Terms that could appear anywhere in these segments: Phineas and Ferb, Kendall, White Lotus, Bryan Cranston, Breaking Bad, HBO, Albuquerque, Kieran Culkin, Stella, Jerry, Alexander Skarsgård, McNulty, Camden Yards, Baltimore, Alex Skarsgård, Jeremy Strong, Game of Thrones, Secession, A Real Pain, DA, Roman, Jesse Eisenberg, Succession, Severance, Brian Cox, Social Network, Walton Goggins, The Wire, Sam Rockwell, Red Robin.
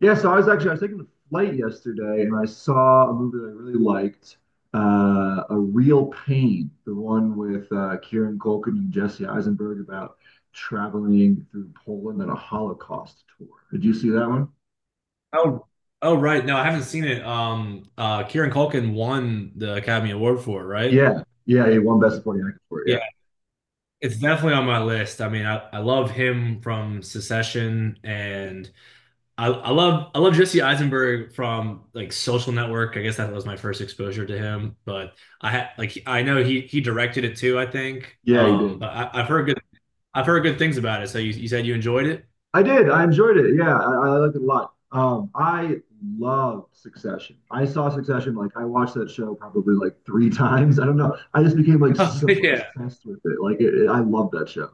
Yeah, so I was taking a flight yesterday and I saw a movie that I really liked, A Real Pain, the one with Kieran Culkin and Jesse Eisenberg about traveling through Poland on a Holocaust tour. Did you see that one? Oh, oh, right. No, I haven't seen it. Kieran Culkin won the Academy Award for it, right? Yeah, yeah, he won Best Supporting Actor for Yeah, it. it's definitely on my list. I mean, I love him from Secession, and I love I love Jesse Eisenberg from like Social Network. I guess that was my first exposure to him, but I had like I know he directed it too, I think. Yeah, yeah, he Um, did. but I've heard good I've heard good things about it. So you said you enjoyed it? I did. I enjoyed it. Yeah, I liked it a lot. I love Succession. I saw Succession like I watched that show probably like three times. I don't know. I just became like so Yeah. obsessed with it. Like I love that show.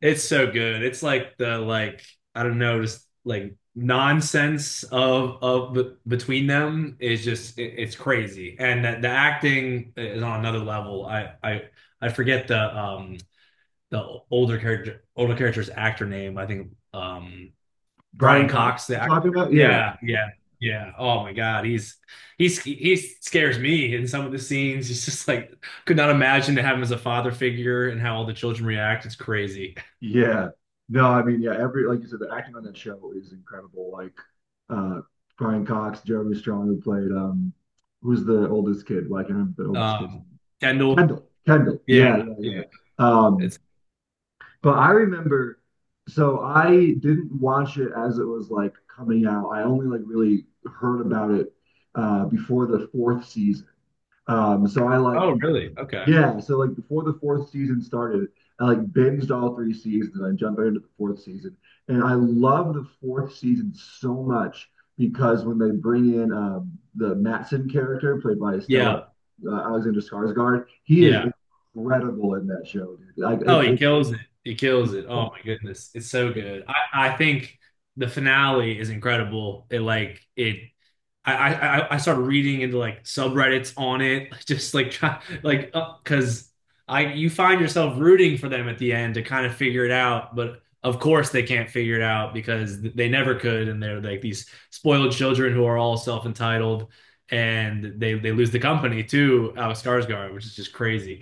It's so good. It's like the like I don't know, just like nonsense of b between them is just it's crazy. And the acting is on another level. I forget the older character's actor name. I think Brian Brian Cox, Cox you the actor. talking about? Yeah, Yeah, yeah. Yeah. Oh my God. He's he scares me in some of the scenes. He's just like could not imagine to have him as a father figure and how all the children react. It's crazy. yeah. No, I mean, yeah. Every like you said, the acting on that show is incredible. Like uh, Brian Cox, Jeremy Strong, who played who's the oldest kid? Well, I can't remember the oldest kid's Um, name. Kendall. Kendall. Kendall. Yeah, Yeah, yeah, yeah. yeah. Um, It's But I remember, so I didn't watch it as it was like coming out. I only like really heard about it before the fourth season. So I like oh before the, really? Okay. yeah, so like before the fourth season started, I like binged all three seasons, and I jumped right into the fourth season, and I love the fourth season so much because when they bring in the Matson character played by Stella Yeah, Alexander Skarsgård, he yeah. is incredible in that show, dude. Like Oh, it's he it's kills it. He kills he's it. Oh so my goodness. It's so good. I think the finale is incredible. It I, I I started reading into like subreddits on it, just like try, like because I you find yourself rooting for them at the end to kind of figure it out, but of course they can't figure it out because they never could, and they're like these spoiled children who are all self-entitled, and they lose the company too, Alex Skarsgård, which is just crazy.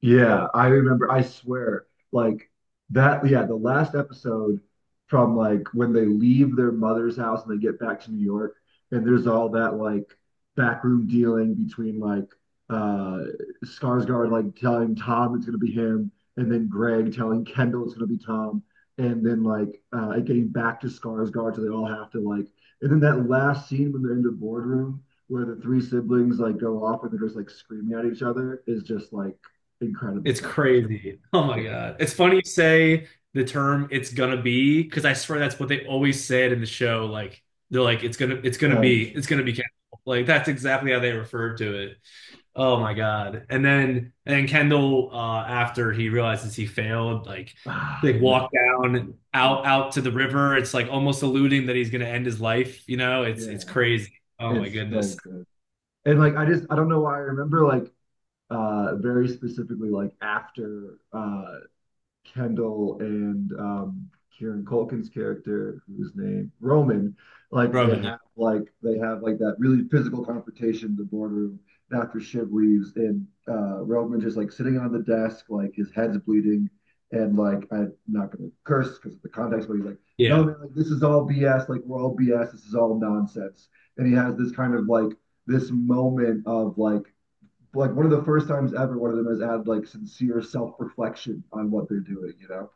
yeah, I remember. I swear, like that. Yeah, the last episode from like when they leave their mother's house and they get back to New York, and there's all that like backroom dealing between like uh Skarsgård like telling Tom it's gonna be him, and then Greg telling Kendall it's gonna be Tom, and then like it getting back to Skarsgård, so they all have to like, and then that last scene when they're in the boardroom where the three siblings like go off and they're just like screaming at each other is just like incredible It's television. crazy. Oh my Yeah. God. It's funny you say the term it's gonna be, because I swear that's what they always said in the show. Like they're like, it's gonna Oh, yeah. it's gonna be Kendall. Like that's exactly how they referred to it. Oh my Yeah. God. And then Kendall after he realizes he failed, like Ah, they man. walk down out to the river. It's like almost alluding that he's gonna end his life, you know? It's Yeah. crazy. Oh my It's goodness. so good. And like I just I don't know why I remember like very specifically like after Kendall and Kieran Culkin's character, whose name Roman, like Roman, yeah. They have like that really physical confrontation in the boardroom after Shiv leaves, and Roman just like sitting on the desk, like his head's bleeding, and like I'm not gonna curse because of the context, but he's like, no Yeah. man, like, this is all BS, like we're all BS, this is all nonsense, and he has this kind of like this moment of like one of the first times ever one of them has had like sincere self-reflection on what they're doing, you know?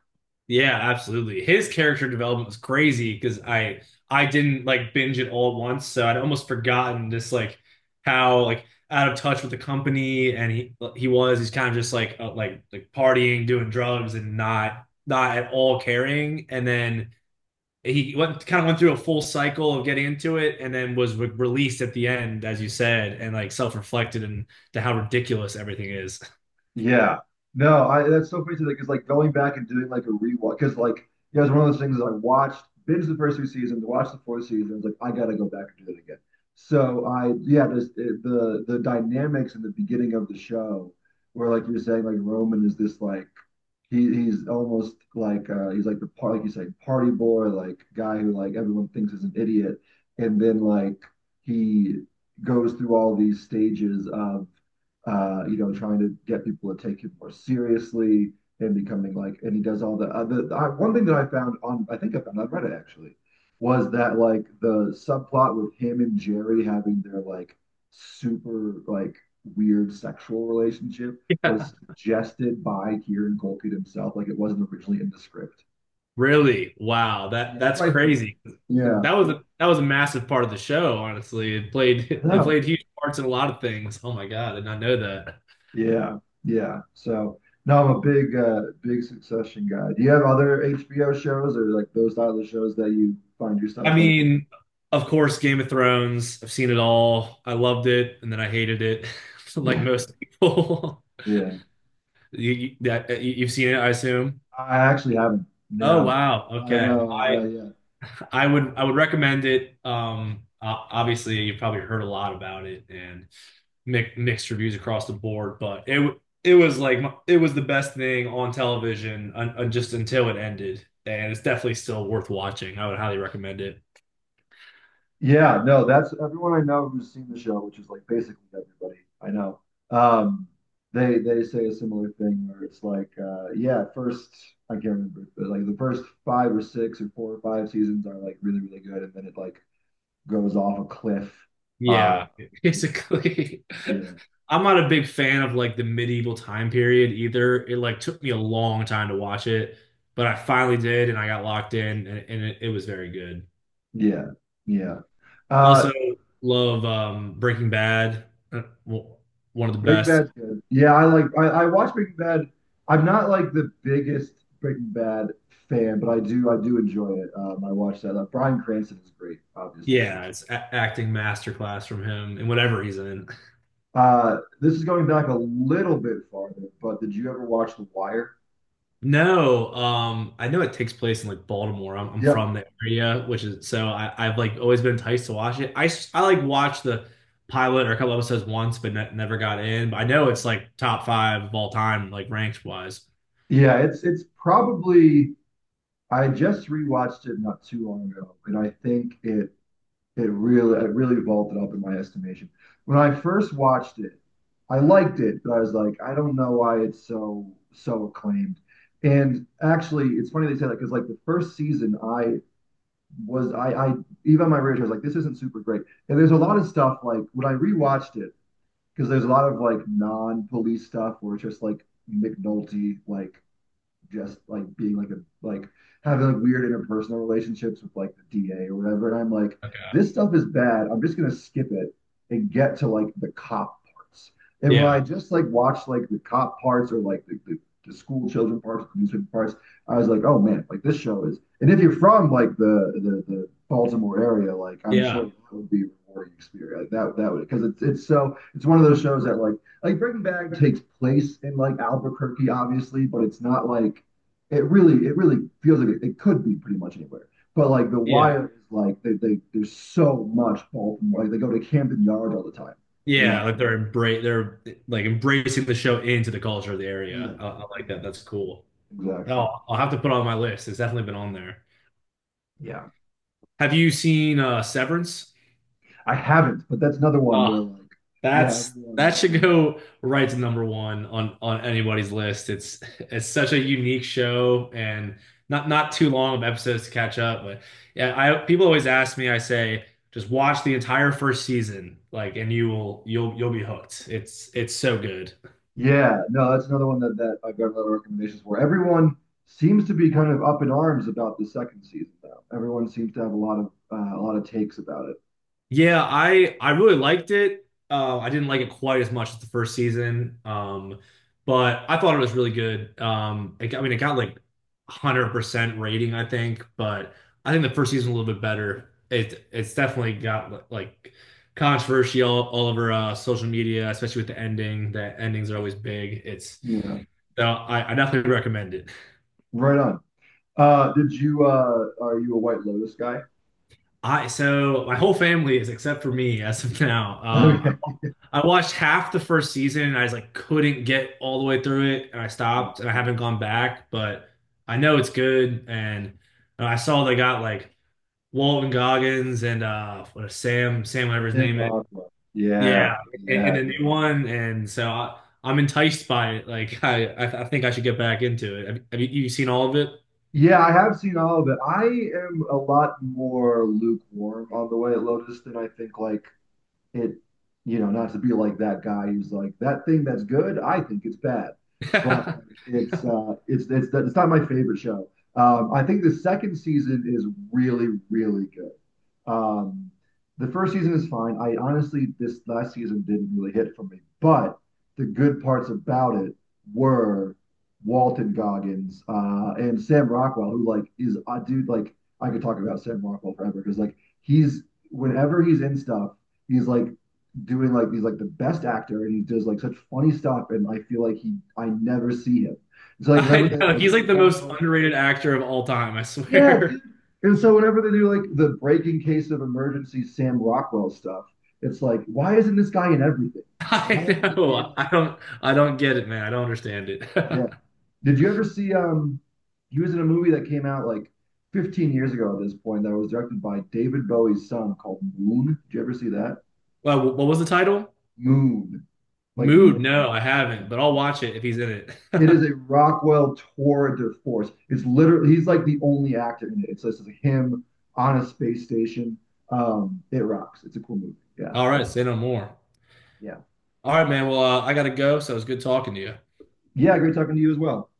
Yeah, absolutely. His character development was crazy because I didn't like binge it all at once, so I'd almost forgotten just like how like out of touch with the company and he was. He's kind of just like like partying, doing drugs, and not at all caring. And then he went kind of went through a full cycle of getting into it, and then was re released at the end, as you said, and like self-reflected and to how ridiculous everything is. Yeah. No, I that's so crazy because like going back and doing like a rewatch because like yeah, it's one of those things that I watched binge the first two seasons, watched the fourth season, I was like, I gotta go back and do it again. So I yeah, just the dynamics in the beginning of the show where like you're saying like Roman is this like he's almost like he's like the part like you say party boy like guy who like everyone thinks is an idiot and then like he goes through all these stages of you know trying to get people to take him more seriously and becoming like and he does all the other one thing that I found on I think I found on Reddit actually was that like the subplot with him and Jerry having their like super like weird sexual relationship was suggested by Kieran Culkin himself. Like it wasn't originally in the script. Really? Wow. That Yeah, that's that's what I heard. crazy. Yeah, That was a massive part of the show, honestly. It I played it know. played huge parts in a lot of things. Oh my God, I did not know that. Yeah, yeah. So no, I'm a big, big Succession guy. Do you have other HBO shows or like those type of shows that you find yourself I like? mean, of course, Game of Thrones. I've seen it all. I loved it, and then I hated it, like Yeah, most people. yeah. You've seen it, I assume. I actually haven't. Oh No, wow. I Okay. Well, know, I know. I Yeah, I would I would recommend it. Obviously, you've probably heard a lot about it, and mixed reviews across the board, but it was like it was the best thing on television just until it ended, and it's definitely still worth watching. I would highly recommend it. yeah, no, that's everyone I know who's seen the show, which is like basically everybody I know. Um, they say a similar thing where it's like, yeah, first I can't remember, but like the first five or six or four or five seasons are like really really good, and then it like goes off a cliff. Uh, Yeah, it's, basically. yeah, I'm not a big fan of like the medieval time period either. It like took me a long time to watch it, but I finally did, and I got locked in, and, and it was very good. yeah, yeah. I Uh, also love Breaking Bad, uh, w- one of the Breaking best. Bad's good. Yeah, I watch Breaking Bad. I'm not like the biggest Breaking Bad fan, but I do enjoy it. I watch that. Bryan Cranston is great, obviously. Yeah, it's acting masterclass from him in whatever he's in. This is going back a little bit farther, but did you ever watch The Wire? No, I know it takes place in like Baltimore. I'm Yep. from the area, which is so I've like always been enticed to watch it. I like watched the pilot or a couple episodes once, but ne never got in. But I know it's like top five of all time, like ranks wise. Yeah, it's probably I just rewatched it not too long ago, and I think it it really, it really vaulted up in my estimation. When I first watched it, I liked it, but I was like, I don't know why it's so so acclaimed. And actually, it's funny they say that because like the first season, I was I even on my radar I was like, this isn't super great. And there's a lot of stuff like when I rewatched it because there's a lot of like non-police stuff where it's just like McNulty like just like being like a like having like weird interpersonal relationships with like the DA or whatever. And I'm like, Okay. this stuff is bad. I'm just gonna skip it and get to like the cop parts. And when I Yeah, just like watched like the cop parts or like the school children parts, the newspaper parts, I was like, oh man, like this show is. And if you're from like the Baltimore area, like I'm sure yeah, it would be a rewarding experience. Like that would because it's one of those shows that like Breaking Bad takes place in like Albuquerque, obviously, but it's not like it really feels like it could be pretty much anywhere. But like The yeah, Wire is like they there's so much Baltimore. Like they go to Camden Yards all the time, you yeah. know? Like they're like embracing the show into the culture of the Yeah, area. I like yeah, that. That's cool. Oh, exactly. I'll have to put it on my list. It's definitely been on there. Yeah, Have you seen Severance? I haven't, but that's another one Oh, where like yeah, that's that everyone. should go right to number one on anybody's list. It's such a unique show and not too long of episodes to catch up. But yeah, I people always ask me. I say just watch the entire first season, like, and you will you'll be hooked. It's so good. Yeah, no, that's another one that that I've got a lot of recommendations for. Everyone seems to be kind of up in arms about the second season though. Everyone seems to have a lot of takes about it. Yeah, I really liked it. I didn't like it quite as much as the first season, but I thought it was really good. I mean, it got like 100% rating, I think, but I think the first season was a little bit better. It's definitely got like controversy all over social media, especially with the ending. The endings are always big. It's Yeah, so I definitely recommend it. right on. Did you are you a White Lotus guy? I so my whole family is except for me as of now. Um, Okay. I watched half the first season and I just like couldn't get all the way through it and I Yeah. stopped and I haven't gone back, but I know it's good and I saw they got like Walton Goggins and what is Sam whatever his Tim name is. Rothwell. Yeah, Yeah. Yeah, yeah, in the new yeah. one and so I'm enticed by it. Like I think I should get back into it. Have you, you seen all of it? Yeah, I have seen all of it. I am a lot more lukewarm on the White Lotus than I think like it, you know, not to be like that guy who's like that thing that's good, I think it's bad, but like, it's not my favorite show. I think the second season is really really good. The first season is fine. I honestly this last season didn't really hit for me, but the good parts about it were Walton Goggins and Sam Rockwell, who like is a dude like I could talk about Sam Rockwell forever because like he's whenever he's in stuff he's like doing like he's like the best actor and he does like such funny stuff and I feel like he I never see him. It's like whenever I they know like he's like the crack most open, underrated actor of all time, I yeah, swear. dude. And so whenever they do like the breaking case of emergency Sam Rockwell stuff, it's like why isn't this guy in everything? Why I is he being know. like I don't get it, man. I don't understand it. yeah? Did you ever see um? He was in a movie that came out like 15 years ago at this point that was directed by David Bowie's son called Moon. Did you ever see that? Well, what was the title? Moon, like the Mood. moon. No, I Yeah. haven't, but I'll watch it if he's in it. It is a Rockwell tour de force. It's literally he's like the only actor in it. It's just him on a space station. It rocks. It's a cool movie. Yeah, All right, say no more. yeah, All right, man. Well, I gotta go, so it's good talking to you. yeah. Great talking to you as well.